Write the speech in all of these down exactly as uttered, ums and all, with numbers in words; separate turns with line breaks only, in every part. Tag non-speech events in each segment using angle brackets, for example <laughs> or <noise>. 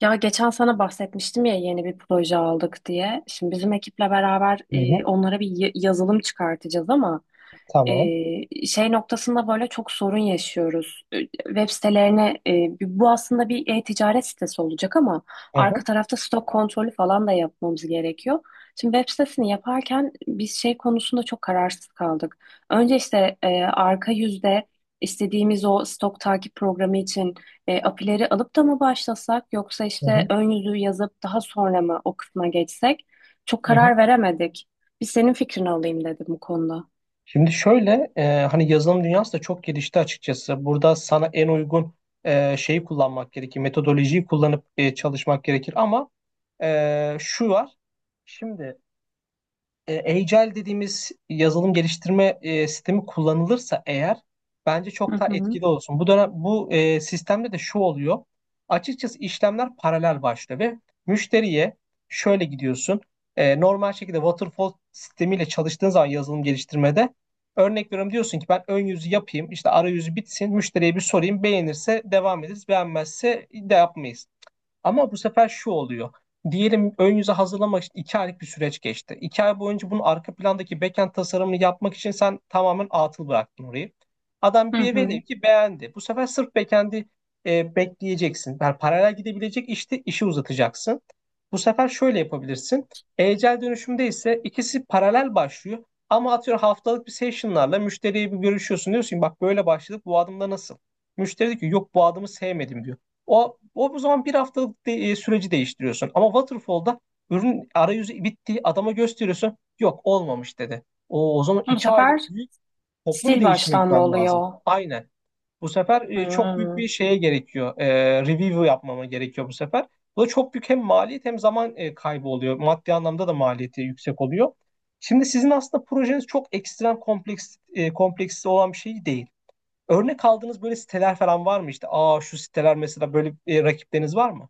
Ya geçen sana bahsetmiştim ya yeni bir proje aldık diye. Şimdi bizim ekiple beraber
Hı
e,
hı,
onlara bir y- yazılım çıkartacağız ama
tamam.
e, şey noktasında böyle çok sorun yaşıyoruz. E, Web sitelerine e, bu aslında bir e-ticaret sitesi olacak ama
Hı
arka
hı,
tarafta stok kontrolü falan da yapmamız gerekiyor. Şimdi web sitesini yaparken biz şey konusunda çok kararsız kaldık. Önce işte e, arka yüzde istediğimiz o stok takip programı için e, apileri alıp da mı başlasak yoksa
hı
işte
hı,
ön yüzü yazıp daha sonra mı o kısma geçsek? Çok
hı hı.
karar veremedik. Bir senin fikrini alayım dedim bu konuda.
Şimdi şöyle e, hani yazılım dünyası da çok gelişti açıkçası. Burada sana en uygun e, şeyi kullanmak gerekir. Metodolojiyi kullanıp e, çalışmak gerekir. Ama e, şu var. Şimdi e, Agile dediğimiz yazılım geliştirme e, sistemi kullanılırsa eğer bence
Hı
çok daha
hı.
etkili olsun. Bu dönem bu e, sistemde de şu oluyor. Açıkçası işlemler paralel başlıyor ve müşteriye şöyle gidiyorsun. E, normal şekilde waterfall sistemiyle çalıştığın zaman yazılım geliştirmede örnek veriyorum diyorsun ki ben ön yüzü yapayım işte arayüzü bitsin müşteriye bir sorayım beğenirse devam ederiz beğenmezse de yapmayız. Ama bu sefer şu oluyor. Diyelim ön yüze hazırlamak için iki aylık bir süreç geçti. İki ay boyunca bunun arka plandaki backend tasarımını yapmak için sen tamamen atıl bıraktın orayı. Adam
Hı
bir velev
hı.
ki beğendi. Bu sefer sırf backend'i e, bekleyeceksin. Yani paralel gidebilecek işte işi uzatacaksın. Bu sefer şöyle yapabilirsin. Agile dönüşümde ise ikisi paralel başlıyor. Ama atıyorum haftalık bir session'larla müşteriye bir görüşüyorsun. Diyorsun ki bak böyle başladık, bu adımda nasıl? Müşteri diyor ki yok bu adımı sevmedim diyor. O, o bu zaman bir haftalık de- e, süreci değiştiriyorsun. Ama waterfall'da ürün arayüzü bitti. Adama gösteriyorsun. Yok olmamış dedi. O, o zaman
Bu
iki aylık
sefer
büyük toplu
sil
bir değişime
baştan mı
gitmem lazım.
oluyor?
Aynen. Bu sefer e, çok büyük
Hı.
bir şeye gerekiyor. E, review yapmama gerekiyor bu sefer. Bu da çok büyük hem maliyet hem zaman e, kaybı oluyor. Maddi anlamda da maliyeti yüksek oluyor. Şimdi sizin aslında projeniz çok ekstrem kompleks e, kompleksli olan bir şey değil. Örnek aldığınız böyle siteler falan var mı? İşte aa şu siteler mesela, böyle e, rakipleriniz var mı?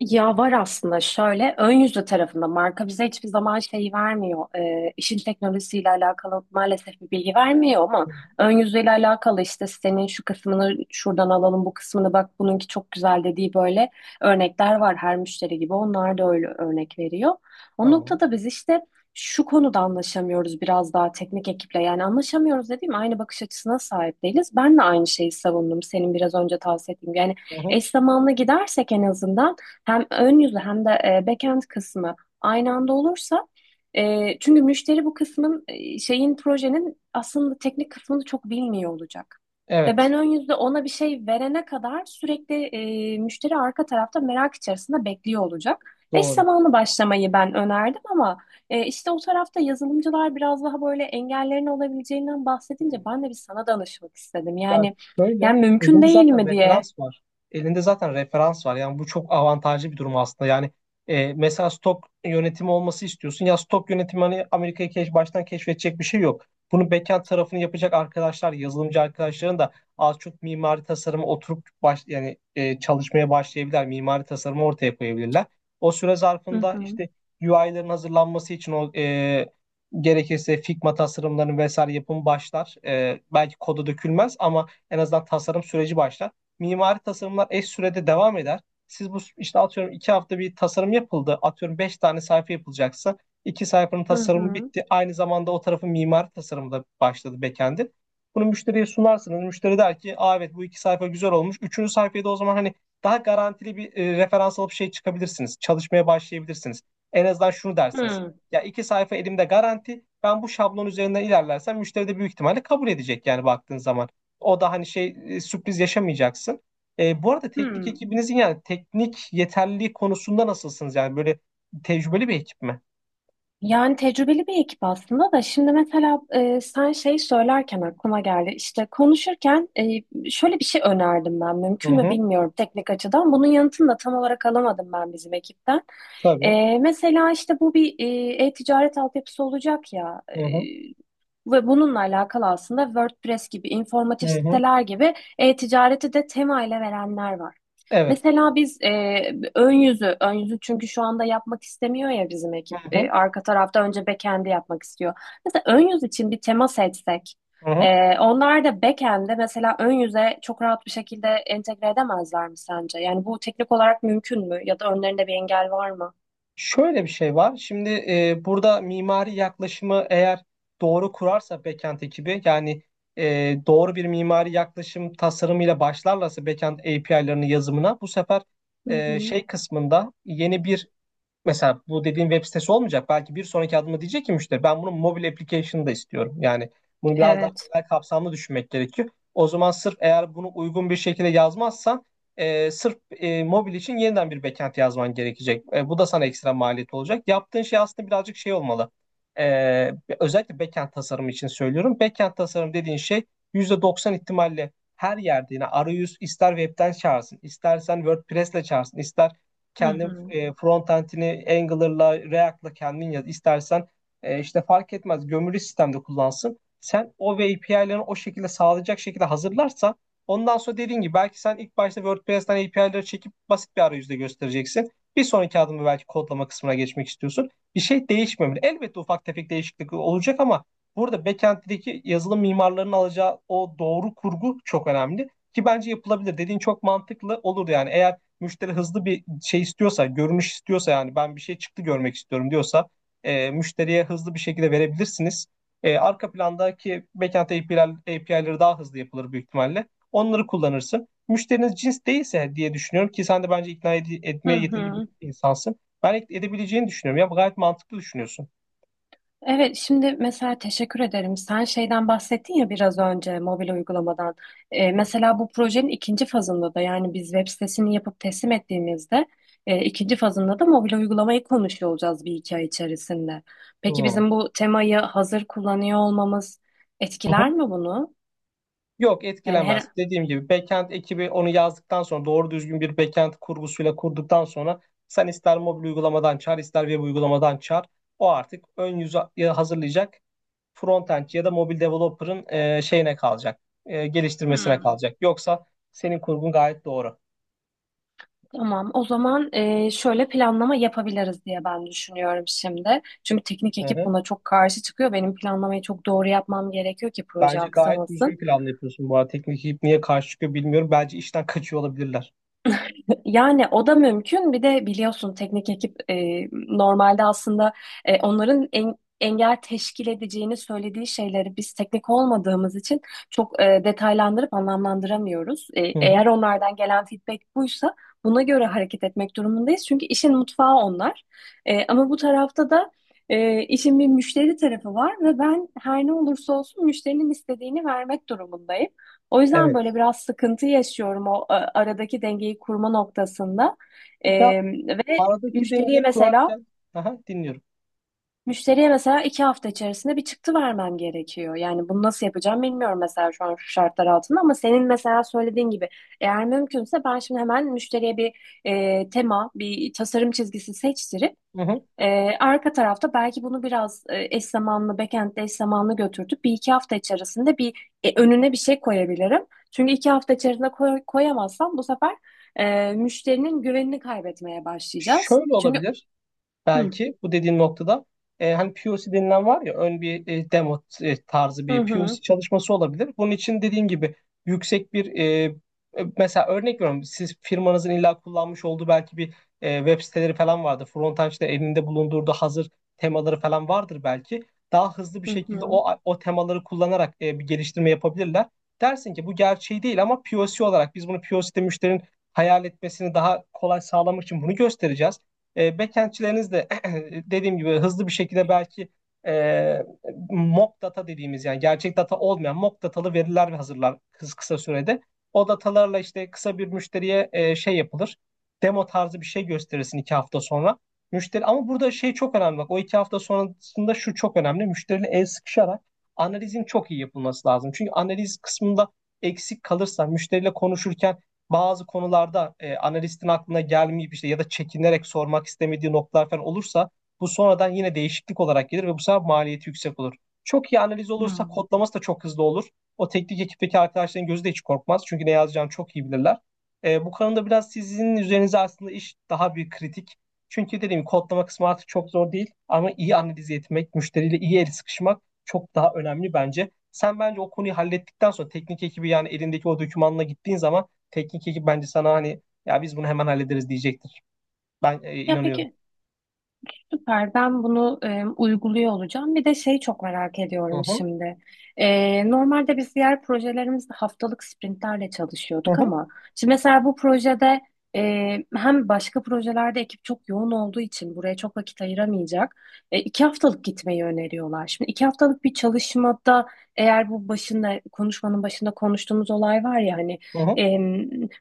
Ya var aslında şöyle ön yüzlü tarafında marka bize hiçbir zaman şeyi vermiyor. Ee, işin teknolojisiyle alakalı maalesef bir bilgi vermiyor ama ön yüzüyle alakalı işte senin şu kısmını şuradan alalım bu kısmını bak bununki çok güzel dediği böyle örnekler var, her müşteri gibi onlar da öyle örnek veriyor. O
Tamam.
noktada biz işte şu konuda anlaşamıyoruz, biraz daha teknik ekiple, yani anlaşamıyoruz dediğim aynı bakış açısına sahip değiliz. Ben de aynı şeyi savundum senin biraz önce tavsiye ettiğin gibi. Yani
Hı hı.
eş zamanlı gidersek en azından hem ön yüzü hem de e, backend kısmı aynı anda olursa e, çünkü müşteri bu kısmın e, şeyin projenin aslında teknik kısmını çok bilmiyor olacak. Ve ben
Evet.
ön yüzde ona bir şey verene kadar sürekli e, müşteri arka tarafta merak içerisinde bekliyor olacak. Eş
Doğru.
zamanlı başlamayı ben önerdim ama e, işte o tarafta yazılımcılar biraz daha böyle engellerin olabileceğinden bahsedince
Hı.
ben de bir sana danışmak istedim.
Ya
Yani
şöyle,
yani mümkün
elinde
değil
zaten
mi diye.
referans var. Elinde zaten referans var. Yani bu çok avantajlı bir durum aslında. Yani e, mesela stok yönetimi olması istiyorsun. Ya stok yönetimi hani Amerika'yı keş, baştan keşfedecek bir şey yok. Bunu backend tarafını yapacak arkadaşlar, yazılımcı arkadaşların da az çok mimari tasarıma oturup baş, yani e, çalışmaya başlayabilirler. Mimari tasarımı ortaya koyabilirler. O süre
Hı
zarfında
hı.
işte U I'ların hazırlanması için o e, gerekirse Figma tasarımlarının vesaire yapımı başlar. Ee, belki kodu dökülmez ama en azından tasarım süreci başlar. Mimari tasarımlar eş sürede devam eder. Siz bu işte atıyorum iki hafta bir tasarım yapıldı. Atıyorum beş tane sayfa yapılacaksa iki sayfanın
Hı
tasarımı
hı.
bitti. Aynı zamanda o tarafın mimari tasarımı da başladı backend'in. Bunu müşteriye sunarsınız. Müşteri der ki aa, evet bu iki sayfa güzel olmuş. Üçüncü sayfaya da o zaman hani daha garantili bir e, referans alıp şey çıkabilirsiniz. Çalışmaya başlayabilirsiniz. En azından şunu dersiniz.
Hı.
Ya iki sayfa elimde garanti. Ben bu şablon üzerinden ilerlersem müşteri de büyük ihtimalle kabul edecek yani baktığın zaman. O da hani şey e, sürpriz yaşamayacaksın. E, bu arada teknik
Hı.
ekibinizin yani teknik yeterliliği konusunda nasılsınız? Yani böyle tecrübeli bir ekip mi?
Yani tecrübeli bir ekip aslında, da şimdi mesela e, sen şey söylerken aklıma geldi. İşte konuşurken e, şöyle bir şey önerdim, ben
Hı
mümkün mü
hı.
bilmiyorum teknik açıdan. Bunun yanıtını da tam olarak alamadım ben bizim ekipten.
Tabii.
E, mesela işte bu bir e, e-ticaret altyapısı olacak ya. E,
Hı hı.
ve bununla alakalı aslında WordPress gibi,
Hı
informatif
hı.
siteler gibi e-ticareti de tema ile verenler var.
Evet.
Mesela biz e, ön yüzü, ön yüzü çünkü şu anda yapmak istemiyor ya bizim
Hı
ekip. E,
hı.
arka tarafta önce backend'i yapmak istiyor. Mesela ön yüz için bir tema seçsek,
Hı hı.
e, onlar da backend'e, mesela ön yüze çok rahat bir şekilde entegre edemezler mi sence? Yani bu teknik olarak mümkün mü? Ya da önlerinde bir engel var mı?
Şöyle bir şey var. Şimdi e, burada mimari yaklaşımı eğer doğru kurarsa backend ekibi yani e, doğru bir mimari yaklaşım tasarımıyla başlarlarsa backend A P I'larının yazımına bu sefer
Hı
e,
hı.
şey kısmında yeni bir mesela bu dediğin web sitesi olmayacak. Belki bir sonraki adıma diyecek ki müşteri ben bunun mobil application'ı da istiyorum. Yani bunu biraz daha
Evet.
genel kapsamlı düşünmek gerekiyor. O zaman sırf eğer bunu uygun bir şekilde yazmazsan e, sırf e, mobil için yeniden bir backend yazman gerekecek. E, bu da sana ekstra maliyet olacak. Yaptığın şey aslında birazcık şey olmalı. E, Özellikle backend tasarımı için söylüyorum. Backend tasarım dediğin şey yüzde doksan ihtimalle her yerde yine arayüz ister webden çağırsın, istersen WordPress'le çağırsın, ister
Hı
kendi
hı.
e, front end'ini Angular'la, React'la kendin yaz. İstersen e, işte fark etmez gömülü sistemde kullansın. Sen o ve A P I'lerini o şekilde sağlayacak şekilde hazırlarsan ondan sonra dediğin gibi belki sen ilk başta WordPress'ten A P I'leri çekip basit bir arayüzde göstereceksin. Bir sonraki adımı belki kodlama kısmına geçmek istiyorsun. Bir şey değişmemeli. Elbette ufak tefek değişiklik olacak ama burada backend'deki yazılım mimarlarının alacağı o doğru kurgu çok önemli. Ki bence yapılabilir. Dediğin çok mantıklı olur yani. Eğer müşteri hızlı bir şey istiyorsa, görünüş istiyorsa yani ben bir şey çıktı görmek istiyorum diyorsa e, müşteriye hızlı bir şekilde verebilirsiniz. E, arka plandaki backend A P I'ler, A P I'leri daha hızlı yapılır büyük ihtimalle. Onları kullanırsın. Müşteriniz cins değilse diye düşünüyorum ki sen de bence ikna ed-
Hı
etmeye yetenekli bir
hı.
insansın. Ben edebileceğini düşünüyorum. Ya gayet mantıklı düşünüyorsun.
Evet, şimdi mesela teşekkür ederim. Sen şeyden bahsettin ya biraz önce, mobil uygulamadan. Ee, mesela bu projenin ikinci fazında da, yani biz web sitesini yapıp teslim ettiğimizde e, ikinci fazında da mobil uygulamayı konuşuyor olacağız bir iki ay içerisinde. Peki
Hı.
bizim bu temayı hazır kullanıyor olmamız etkiler
Hı.
mi bunu?
Yok
Yani
etkilemez.
her...
Dediğim gibi backend ekibi onu yazdıktan sonra doğru düzgün bir backend kurgusuyla kurduktan sonra sen ister mobil uygulamadan çağır ister web uygulamadan çağır. O artık ön yüzü e, hazırlayacak frontend ya da mobil developer'ın e, şeyine kalacak. E, geliştirmesine
Hı.
kalacak. Yoksa senin kurgun gayet doğru.
Tamam, o zaman e, şöyle planlama yapabiliriz diye ben düşünüyorum şimdi. Çünkü teknik
Hı
ekip
hı.
buna çok karşı çıkıyor. Benim planlamayı çok doğru yapmam gerekiyor ki proje
Bence gayet düzgün
aksamasın.
planlı yapıyorsun bu arada. Teknik ekip niye karşı çıkıyor bilmiyorum. Bence işten kaçıyor olabilirler.
Yani o da mümkün. Bir de biliyorsun teknik ekip e, normalde aslında e, onların en, engel teşkil edeceğini söylediği şeyleri biz teknik olmadığımız için çok e, detaylandırıp anlamlandıramıyoruz. E,
Hı hı.
eğer onlardan gelen feedback buysa buna göre hareket etmek durumundayız. Çünkü işin mutfağı onlar. E, ama bu tarafta da e, işin bir müşteri tarafı var ve ben her ne olursa olsun müşterinin istediğini vermek durumundayım. O yüzden
Evet.
böyle biraz sıkıntı yaşıyorum o e, aradaki dengeyi kurma noktasında. E,
Ya
ve
aradaki
müşteriye
dengeyi
mesela
kurarken aha, dinliyorum.
müşteriye mesela iki hafta içerisinde bir çıktı vermem gerekiyor. Yani bunu nasıl yapacağım bilmiyorum mesela şu an şu şartlar altında, ama senin mesela söylediğin gibi eğer mümkünse ben şimdi hemen müşteriye bir e, tema, bir tasarım çizgisi seçtirip
Hı hı.
ee, arka tarafta belki bunu biraz e, eş zamanlı, backend'de eş zamanlı götürdük. Bir iki hafta içerisinde bir e, önüne bir şey koyabilirim. Çünkü iki hafta içerisinde koy- koyamazsam bu sefer e, müşterinin güvenini kaybetmeye başlayacağız.
Şöyle
Çünkü
olabilir.
hı
Belki bu dediğin noktada e, hani P O C denilen var ya, ön bir e, demo e, tarzı
hı
bir
hı
P O C çalışması olabilir. Bunun için dediğin gibi yüksek bir e, e, mesela örnek veriyorum siz firmanızın illa kullanmış olduğu belki bir e, web siteleri falan vardır. Frontend'de elinde bulundurduğu hazır temaları falan vardır belki. Daha hızlı bir
hı.
şekilde
Hı.
o o temaları kullanarak e, bir geliştirme yapabilirler. Dersin ki bu gerçeği değil ama P O C olarak biz bunu P O C'de müşterinin hayal etmesini daha kolay sağlamak için bunu göstereceğiz. E, backendçileriniz de <clears throat> <laughs> dediğim gibi hızlı bir şekilde belki e, mock data dediğimiz yani gerçek data olmayan mock datalı veriler hazırlar kısa, kısa sürede. O datalarla işte kısa bir müşteriye e, şey yapılır. Demo tarzı bir şey gösterirsin iki hafta sonra. Müşteri ama burada şey çok önemli bak, o iki hafta sonrasında şu çok önemli. Müşteriyle el sıkışarak analizin çok iyi yapılması lazım. Çünkü analiz kısmında eksik kalırsa müşteriyle konuşurken bazı konularda e, analistin aklına gelmeyip işte ya da çekinerek sormak istemediği noktalar falan olursa bu sonradan yine değişiklik olarak gelir ve bu sefer maliyeti yüksek olur. Çok iyi analiz olursa kodlaması da çok hızlı olur. O teknik ekipteki arkadaşların gözü de hiç korkmaz. Çünkü ne yazacağını çok iyi bilirler. E, bu konuda biraz sizin üzerinize aslında iş daha bir kritik. Çünkü dediğim gibi kodlama kısmı artık çok zor değil ama iyi analiz etmek, müşteriyle iyi el sıkışmak çok daha önemli bence. Sen bence o konuyu hallettikten sonra teknik ekibi yani elindeki o dokümanla gittiğin zaman teknik ekip bence sana hani ya biz bunu hemen hallederiz diyecektir. Ben e,
Ya
inanıyorum.
peki. Süper. Ben bunu e, uyguluyor olacağım. Bir de şey çok merak
Hı
ediyorum
hı,
şimdi. E, normalde biz diğer projelerimizde haftalık sprintlerle
hı
çalışıyorduk,
hı,
ama şimdi mesela bu projede e, hem başka projelerde ekip çok yoğun olduğu için buraya çok vakit ayıramayacak. E, iki haftalık gitmeyi öneriyorlar. Şimdi iki haftalık bir çalışmada eğer bu başında konuşmanın başında konuştuğumuz olay var ya hani
hı hı.
e,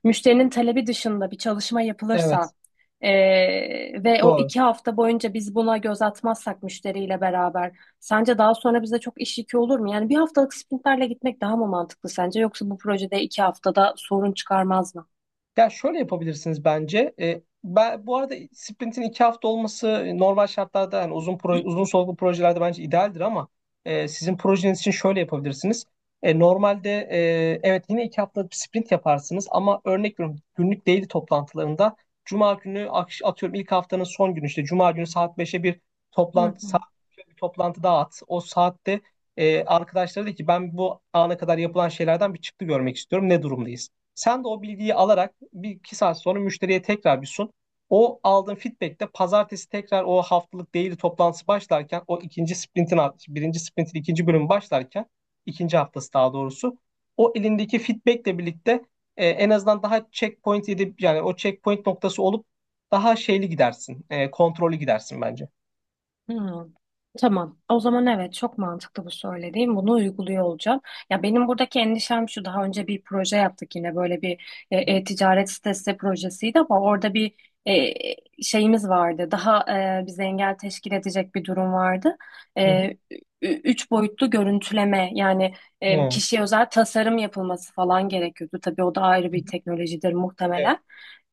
müşterinin talebi dışında bir çalışma
Evet,
yapılırsa ee, ve o
doğru.
iki hafta boyunca biz buna göz atmazsak müşteriyle beraber sence daha sonra bize çok iş yükü olur mu? Yani bir haftalık sprintlerle gitmek daha mı mantıklı sence, yoksa bu projede iki haftada sorun çıkarmaz mı?
Ya şöyle yapabilirsiniz bence. E, ben, bu arada sprintin iki hafta olması e, normal şartlarda yani uzun pro, uzun soluklu projelerde bence idealdir ama e, sizin projeniz için şöyle yapabilirsiniz. E, normalde e, evet yine iki haftalık bir sprint yaparsınız ama örnek veriyorum günlük daily toplantılarında Cuma günü akş- atıyorum ilk haftanın son günü işte Cuma günü saat beşe bir
Hı
toplantı, saat
hı.
beşe bir toplantı daha at. O saatte e, arkadaşlara de ki ben bu ana kadar yapılan şeylerden bir çıktı görmek istiyorum. Ne durumdayız? Sen de o bilgiyi alarak bir iki saat sonra müşteriye tekrar bir sun. O aldığın feedback'te pazartesi tekrar o haftalık daily toplantısı başlarken o ikinci sprintin birinci sprintin ikinci bölümü başlarken, ikinci haftası daha doğrusu, o elindeki feedback'le birlikte e, en azından daha checkpoint edip yani o checkpoint noktası olup daha şeyli gidersin. E, kontrollü gidersin bence.
Hmm. Tamam. O zaman evet çok mantıklı bu söylediğim. Bunu uyguluyor olacağım. Ya benim buradaki endişem şu. Daha önce bir proje yaptık yine böyle bir e, e, ticaret sitesi projesiydi, ama orada bir e, şeyimiz vardı. Daha e, bize engel teşkil edecek bir durum vardı.
Hı hı.
E, ü- üç boyutlu görüntüleme, yani e,
Hı.
kişiye özel tasarım yapılması falan gerekiyordu. Tabii o da ayrı bir teknolojidir
Evet.
muhtemelen.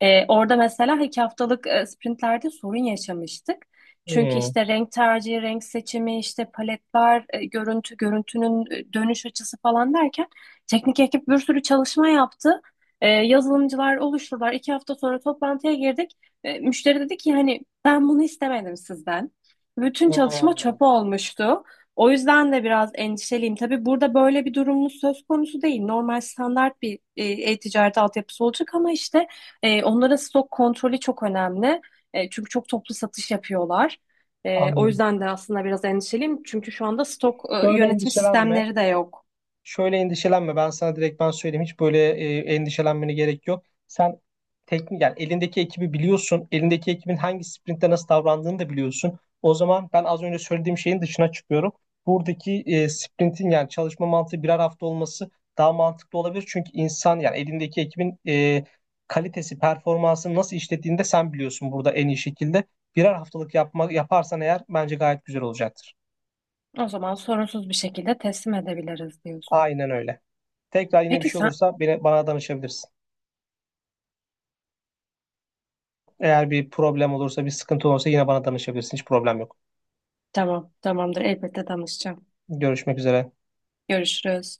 E, orada mesela iki haftalık e, sprintlerde sorun yaşamıştık. Çünkü
Hmm.
işte renk tercihi, renk seçimi, işte paletler, e, görüntü, görüntünün e, dönüş açısı falan derken teknik ekip bir sürü çalışma yaptı. E, yazılımcılar oluştular. İki hafta sonra toplantıya girdik. E, müşteri dedi ki hani ben bunu istemedim sizden. Bütün çalışma
Hmm.
çöpe olmuştu. O yüzden de biraz endişeliyim. Tabii burada böyle bir durumumuz söz konusu değil. Normal standart bir e, e-ticaret altyapısı olacak ama işte e, onlara stok kontrolü çok önemli. E, çünkü çok toplu satış yapıyorlar. E, o
Anladım.
yüzden de aslında biraz endişeliyim. Çünkü şu anda stok e,
Şöyle
yönetim
endişelenme.
sistemleri de yok.
Şöyle endişelenme. Ben sana direkt ben söyleyeyim. Hiç böyle e, endişelenmene gerek yok. Sen teknik yani elindeki ekibi biliyorsun. Elindeki ekibin hangi sprintte nasıl davrandığını da biliyorsun. O zaman ben az önce söylediğim şeyin dışına çıkıyorum. Buradaki e, sprintin yani çalışma mantığı birer hafta olması daha mantıklı olabilir. Çünkü insan yani elindeki ekibin e, kalitesi, performansını nasıl işlettiğini de sen biliyorsun burada en iyi şekilde. Birer haftalık yapma, yaparsan eğer bence gayet güzel olacaktır.
O zaman sorunsuz bir şekilde teslim edebiliriz diyorsun.
Aynen öyle. Tekrar yine bir
Peki
şey
sen?
olursa beni, bana danışabilirsin. Eğer bir problem olursa, bir sıkıntı olursa yine bana danışabilirsin. Hiç problem yok.
Tamam, tamamdır. Elbette danışacağım.
Görüşmek üzere.
Görüşürüz.